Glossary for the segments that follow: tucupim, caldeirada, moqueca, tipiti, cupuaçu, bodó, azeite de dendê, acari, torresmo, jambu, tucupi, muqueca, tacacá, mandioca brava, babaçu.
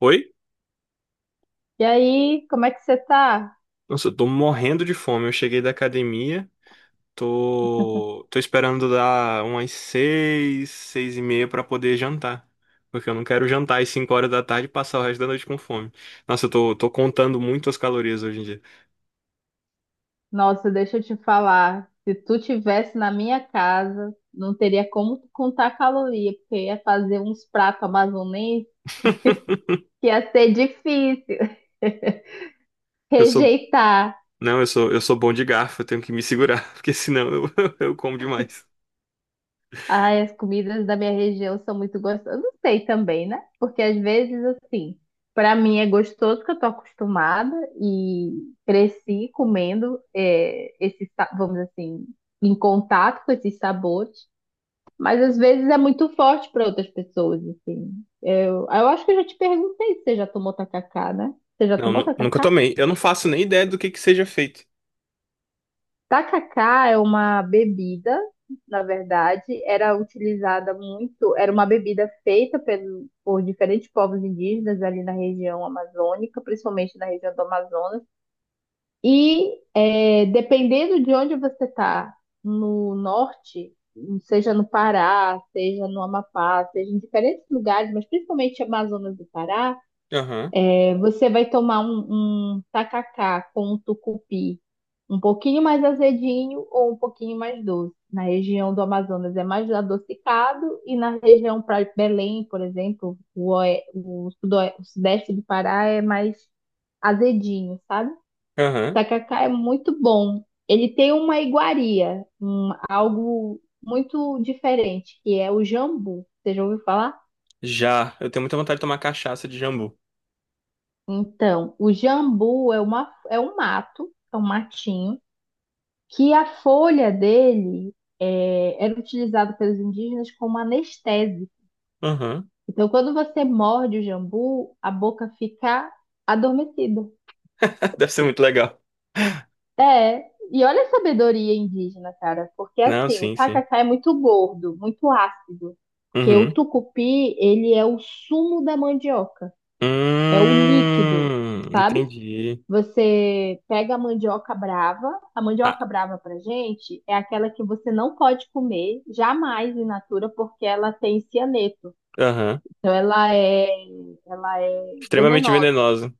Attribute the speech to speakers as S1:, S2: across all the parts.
S1: Oi?
S2: E aí, como é que você tá?
S1: Nossa, eu tô morrendo de fome. Eu cheguei da academia, tô esperando dar umas 6, 6h30 pra poder jantar. Porque eu não quero jantar às 5 horas da tarde e passar o resto da noite com fome. Nossa, eu tô contando muito as calorias hoje em dia.
S2: Nossa, deixa eu te falar. Se tu tivesse na minha casa, não teria como contar caloria, porque ia fazer uns pratos amazonenses que ia ser difícil
S1: Eu sou,
S2: rejeitar.
S1: não, eu sou bom de garfo, eu tenho que me segurar, porque senão eu, eu como demais.
S2: Ai, as comidas da minha região são muito gostosas. Não sei também, né? Porque às vezes, assim, pra mim é gostoso que eu tô acostumada e cresci comendo esse, vamos dizer assim, em contato com esses sabores. Mas às vezes é muito forte para outras pessoas, assim. Eu acho que eu já te perguntei se você já tomou tacacá, né? Você já
S1: Não,
S2: tomou
S1: nunca
S2: tacacá?
S1: tomei. Eu não faço nem ideia do que seja feito.
S2: Tacacá é uma bebida, na verdade, era utilizada muito, era uma bebida feita por diferentes povos indígenas ali na região amazônica, principalmente na região do Amazonas. E é, dependendo de onde você está, no norte, seja no Pará, seja no Amapá, seja em diferentes lugares, mas principalmente Amazonas do Pará,
S1: Aham,
S2: é, você vai tomar um tacacá com um tucupi um pouquinho mais azedinho ou um pouquinho mais doce. Na região do Amazonas é mais adocicado e na região para Belém, por exemplo, o o sudeste do Pará é mais azedinho, sabe?
S1: aham.
S2: Tacacá é muito bom. Ele tem uma iguaria, algo muito diferente, que é o jambu. Você já ouviu falar?
S1: Já, eu tenho muita vontade de tomar cachaça de jambu.
S2: Então, o jambu é é um mato, é um matinho, que a folha dele é, era utilizada pelos indígenas como anestésico.
S1: Aham.
S2: Então, quando você morde o jambu, a boca fica adormecida.
S1: Deve ser muito legal.
S2: É, e olha a sabedoria indígena, cara, porque
S1: Não,
S2: assim, o
S1: sim, sim.
S2: tacacá é muito gordo, muito ácido, porque o
S1: Uhum.
S2: tucupi, ele é o sumo da mandioca, é o líquido, sabe?
S1: Entendi.
S2: Você pega a mandioca
S1: Ah,
S2: brava pra gente é aquela que você não pode comer jamais in natura porque ela tem cianeto,
S1: aham.
S2: então ela é
S1: Extremamente
S2: venenosa,
S1: venenosa.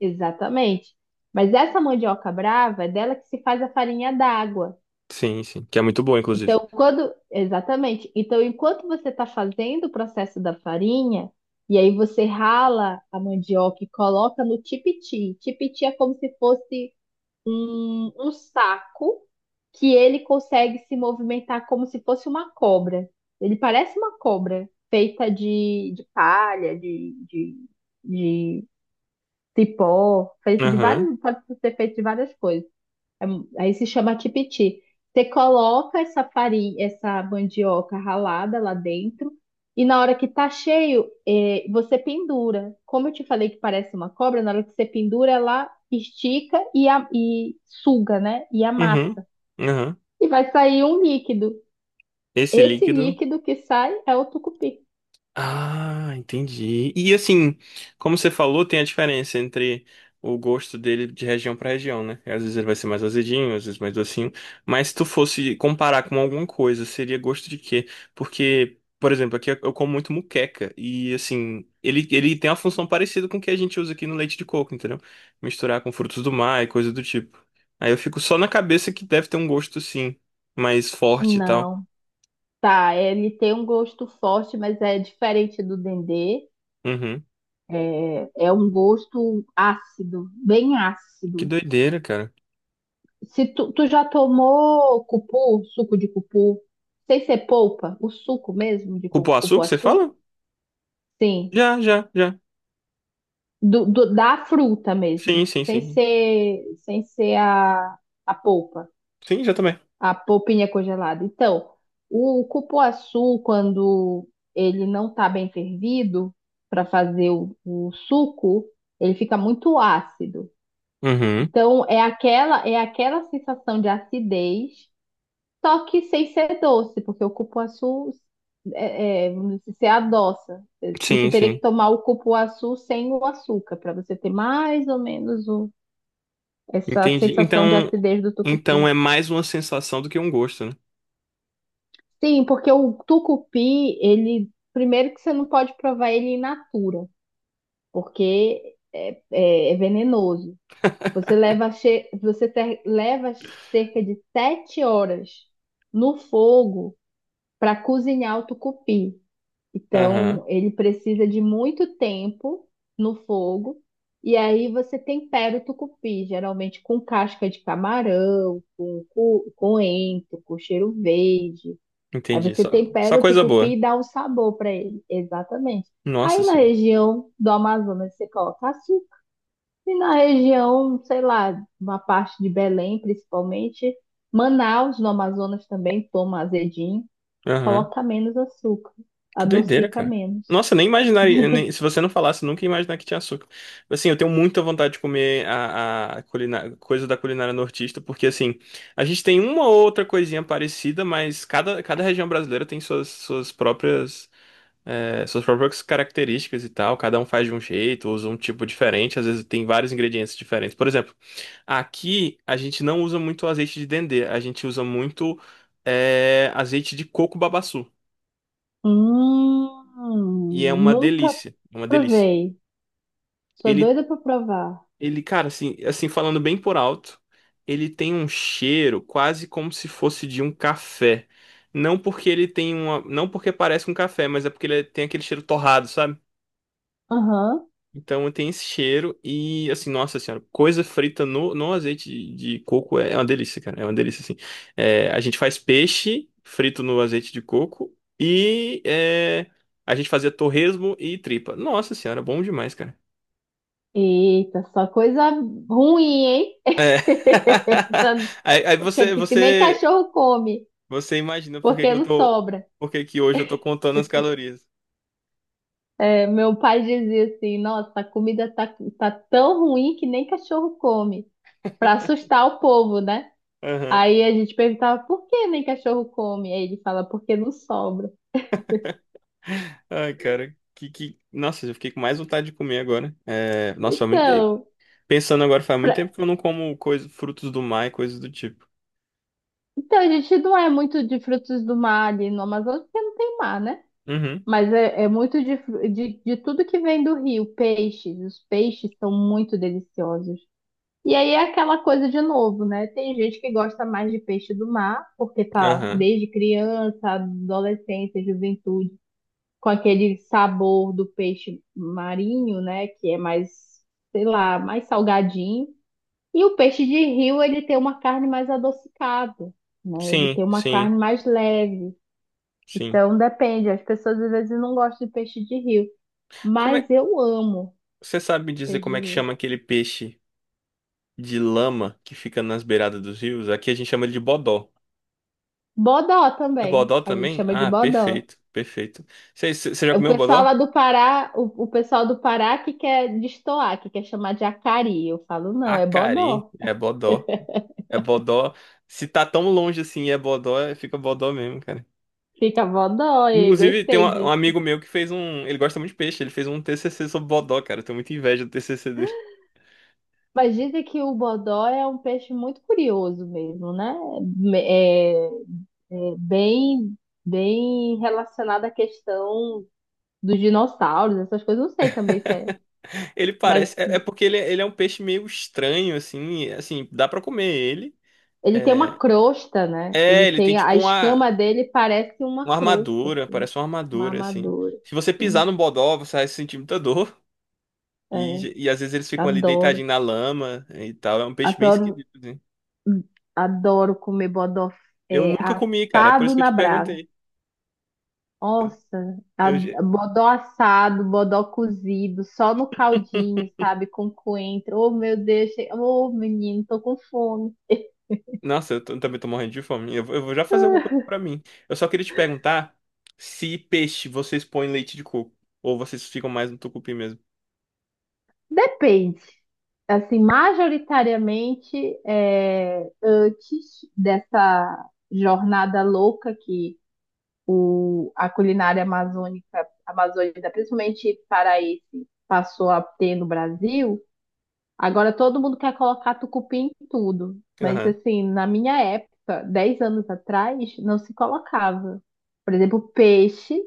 S2: exatamente. Mas essa mandioca brava é dela que se faz a farinha d'água.
S1: Sim, sim. Que é muito boa, inclusive.
S2: Então, quando. Exatamente. Então, enquanto você está fazendo o processo da farinha, e aí você rala a mandioca e coloca no tipiti. Tipiti é como se fosse um saco que ele consegue se movimentar como se fosse uma cobra. Ele parece uma cobra, feita de palha, de cipó, feito de
S1: Aham.
S2: vários, pode ser feito de várias coisas. Aí se chama tipiti. Você coloca essa farinha, essa mandioca ralada lá dentro, e na hora que tá cheio, você pendura. Como eu te falei que parece uma cobra, na hora que você pendura, ela estica e suga, né? E
S1: Uhum.
S2: amassa.
S1: Aham.
S2: E vai sair um líquido.
S1: Esse
S2: Esse
S1: líquido.
S2: líquido que sai é o tucupi.
S1: Ah, entendi. E assim, como você falou, tem a diferença entre o gosto dele de região para região, né? Às vezes ele vai ser mais azedinho, às vezes mais docinho. Mas se tu fosse comparar com alguma coisa, seria gosto de quê? Porque, por exemplo, aqui eu como muito muqueca e assim, ele tem uma função parecida com o que a gente usa aqui no leite de coco, entendeu? Misturar com frutos do mar e coisa do tipo. Aí eu fico só na cabeça que deve ter um gosto sim, mais forte e tal.
S2: Não, tá. Ele tem um gosto forte, mas é diferente do dendê.
S1: Uhum.
S2: É um gosto ácido, bem
S1: Que
S2: ácido.
S1: doideira, cara.
S2: Se tu já tomou cupu, suco de cupu, sem ser polpa, o suco mesmo de
S1: Cupuaçu que você
S2: cupuaçu?
S1: fala?
S2: Sim,
S1: Já, já, já.
S2: da fruta mesmo,
S1: Sim, sim, sim.
S2: sem ser a polpa,
S1: Sim, já também.
S2: a polpinha congelada. Então, o cupuaçu, quando ele não está bem fervido para fazer o suco, ele fica muito ácido.
S1: Uhum.
S2: Então, é aquela sensação de acidez. Só que sem ser doce, porque o cupuaçu, vamos dizer, se adoça. Você
S1: Sim,
S2: teria
S1: sim.
S2: que tomar o cupuaçu sem o açúcar, para você ter mais ou menos essa
S1: Entendi. Então,
S2: sensação de acidez do
S1: então
S2: tucupi.
S1: é mais uma sensação do que um gosto, né?
S2: Sim, porque o tucupi, ele, primeiro que você não pode provar ele in natura, porque é venenoso. Você leva cerca de 7 horas no fogo para cozinhar o tucupi.
S1: Aham.
S2: Então, ele precisa de muito tempo no fogo. E aí você tempera o tucupi, geralmente com casca de camarão, com coentro, com cheiro verde. Aí
S1: Entendi.
S2: você
S1: Só, só
S2: tempera o
S1: coisa
S2: tucupi
S1: boa.
S2: e dá um sabor para ele. Exatamente.
S1: Nossa
S2: Aí na
S1: senhora.
S2: região do Amazonas você coloca açúcar. E na região, sei lá, uma parte de Belém, principalmente, Manaus, no Amazonas também toma azedinho,
S1: Aham.
S2: coloca menos açúcar,
S1: Que doideira,
S2: adocica
S1: cara.
S2: menos.
S1: Nossa, nem imaginaria. Se você não falasse, nunca ia imaginar que tinha açúcar. Assim, eu tenho muita vontade de comer a coisa da culinária nortista, porque assim, a gente tem uma ou outra coisinha parecida, mas cada região brasileira tem suas, próprias. É, suas próprias características e tal. Cada um faz de um jeito, usa um tipo diferente. Às vezes tem vários ingredientes diferentes. Por exemplo, aqui a gente não usa muito azeite de dendê. A gente usa muito é, azeite de coco babaçu.
S2: Hum,
S1: E é uma
S2: nunca
S1: delícia. É uma delícia.
S2: provei. Sou
S1: Ele,
S2: doida pra provar.
S1: ele, cara, assim, assim, falando bem por alto, ele tem um cheiro quase como se fosse de um café. Não porque ele tem uma, não porque parece um café, mas é porque ele é, tem aquele cheiro torrado, sabe?
S2: Aham.
S1: Então tem esse cheiro e assim, nossa senhora, coisa frita no azeite de coco é uma delícia, cara. É uma delícia, assim. É, a gente faz peixe frito no azeite de coco e é, a gente fazia torresmo e tripa. Nossa senhora, bom demais, cara.
S2: Eita, só coisa ruim, hein?
S1: É. Aí
S2: Que,
S1: você,
S2: que nem cachorro come,
S1: você imagina por que que
S2: porque
S1: eu
S2: não
S1: tô,
S2: sobra.
S1: por que que hoje eu tô contando as calorias.
S2: É, meu pai dizia assim: nossa, a comida tá tão ruim que nem cachorro come, pra assustar o povo, né?
S1: Aham.
S2: Aí a gente perguntava: por que nem cachorro come? Aí ele fala: porque não sobra.
S1: Ai, cara, Nossa, eu fiquei com mais vontade de comer agora. É. Nossa, foi muito...
S2: Então.
S1: Pensando agora, faz muito tempo que eu não como coisa, frutos do mar e coisas do tipo.
S2: Então, a gente não é muito de frutos do mar ali no Amazonas, porque não tem mar, né?
S1: Uhum,
S2: Mas é muito de, de tudo que vem do rio, peixes. Os peixes são muito deliciosos. E aí é aquela coisa de novo, né? Tem gente que gosta mais de peixe do mar, porque tá
S1: aham.
S2: desde criança, adolescência, juventude, com aquele sabor do peixe marinho, né? Que é mais, sei lá, mais salgadinho. E o peixe de rio, ele tem uma carne mais adocicada, né? Ele
S1: Sim,
S2: tem uma
S1: sim,
S2: carne mais leve.
S1: sim.
S2: Então, depende. As pessoas às vezes não gostam de peixe de rio,
S1: Como
S2: mas
S1: é,
S2: eu amo
S1: você sabe me dizer
S2: peixe de
S1: como é que
S2: rio.
S1: chama aquele peixe de lama que fica nas beiradas dos rios? Aqui a gente chama ele de bodó.
S2: Bodó
S1: É
S2: também.
S1: bodó
S2: A gente
S1: também?
S2: chama de
S1: Ah,
S2: bodó.
S1: perfeito, perfeito. Você já
S2: É. O
S1: comeu
S2: pessoal lá
S1: bodó?
S2: do Pará, o pessoal do Pará que quer destoar, que quer chamar de acari. Eu falo, não, é
S1: Acari,
S2: bodó.
S1: é bodó. É bodó. Se tá tão longe assim e é bodó, fica bodó mesmo, cara.
S2: Fica bodó, e
S1: Inclusive, tem
S2: gostei
S1: um
S2: disso.
S1: amigo meu que fez um. Ele gosta muito de peixe, ele fez um TCC sobre bodó, cara. Eu tenho muita inveja do TCC.
S2: Mas dizem que o bodó é um peixe muito curioso mesmo, né? É, é, bem, bem relacionada à questão dos dinossauros, essas coisas, não sei também se é.
S1: Ele
S2: Mas
S1: parece. É, é porque ele é um peixe meio estranho, assim. Assim, dá pra comer ele.
S2: ele tem uma
S1: É,
S2: crosta, né? Ele
S1: é ele tem
S2: tem a
S1: tipo
S2: escama dele parece
S1: uma
S2: uma crosta,
S1: armadura,
S2: assim,
S1: parece uma
S2: uma
S1: armadura, assim.
S2: armadura,
S1: Se você pisar
S2: assim.
S1: no bodó, você vai sentir muita dor.
S2: É,
S1: E às vezes eles ficam ali
S2: adoro,
S1: deitadinhos na lama e tal. É um peixe bem
S2: adoro,
S1: esquisito, assim.
S2: adoro comer bodó,
S1: Eu
S2: é,
S1: nunca comi, cara. É por isso
S2: assado
S1: que eu
S2: na
S1: te
S2: brasa.
S1: perguntei.
S2: Nossa,
S1: Eu já-
S2: bodó assado, bodó cozido, só no caldinho, sabe? Com coentro. Oh, meu Deus, che- oh, menino, tô com fome.
S1: Nossa, também tô morrendo de fome. Eu vou já fazer alguma coisa pra mim. Eu só queria te perguntar se peixe vocês põem leite de coco. Ou vocês ficam mais no tucupi mesmo.
S2: Depende. Assim, majoritariamente, é, antes dessa jornada louca que a culinária amazônica, principalmente paraense, passou a ter no Brasil, agora todo mundo quer colocar tucupim em tudo. Mas,
S1: Aham.
S2: assim, na minha época, 10 anos atrás, não se colocava. Por exemplo, peixe,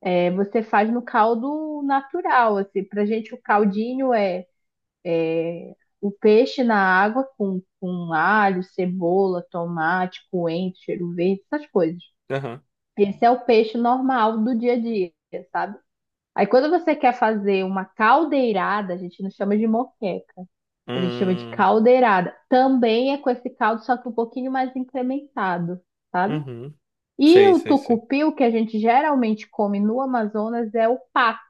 S2: é, você faz no caldo natural, assim. Pra gente, o caldinho é o peixe na água com alho, cebola, tomate, coentro, cheiro verde, essas coisas.
S1: Aham.
S2: Esse é o peixe normal do dia a dia, sabe? Aí quando você quer fazer uma caldeirada, a gente não chama de moqueca, a gente chama de
S1: Hum,
S2: caldeirada. Também é com esse caldo, só que um pouquinho mais incrementado, sabe?
S1: uhum.
S2: E
S1: Sei,
S2: o
S1: sei, sei.
S2: tucupi, o que a gente geralmente come no Amazonas, é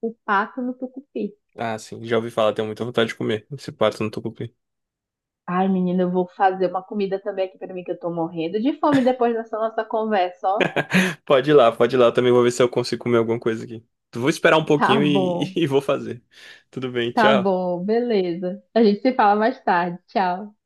S2: o pato no tucupi.
S1: Ah, sim, já ouvi falar, tenho muita vontade de comer esse pato no tucupi.
S2: Ai, menina, eu vou fazer uma comida também aqui pra mim, que eu tô morrendo de fome depois dessa nossa conversa, ó.
S1: Pode ir lá, eu também vou ver se eu consigo comer alguma coisa aqui. Vou esperar um
S2: Tá
S1: pouquinho e,
S2: bom,
S1: e vou fazer. Tudo bem,
S2: tá
S1: tchau.
S2: bom, beleza. A gente se fala mais tarde. Tchau.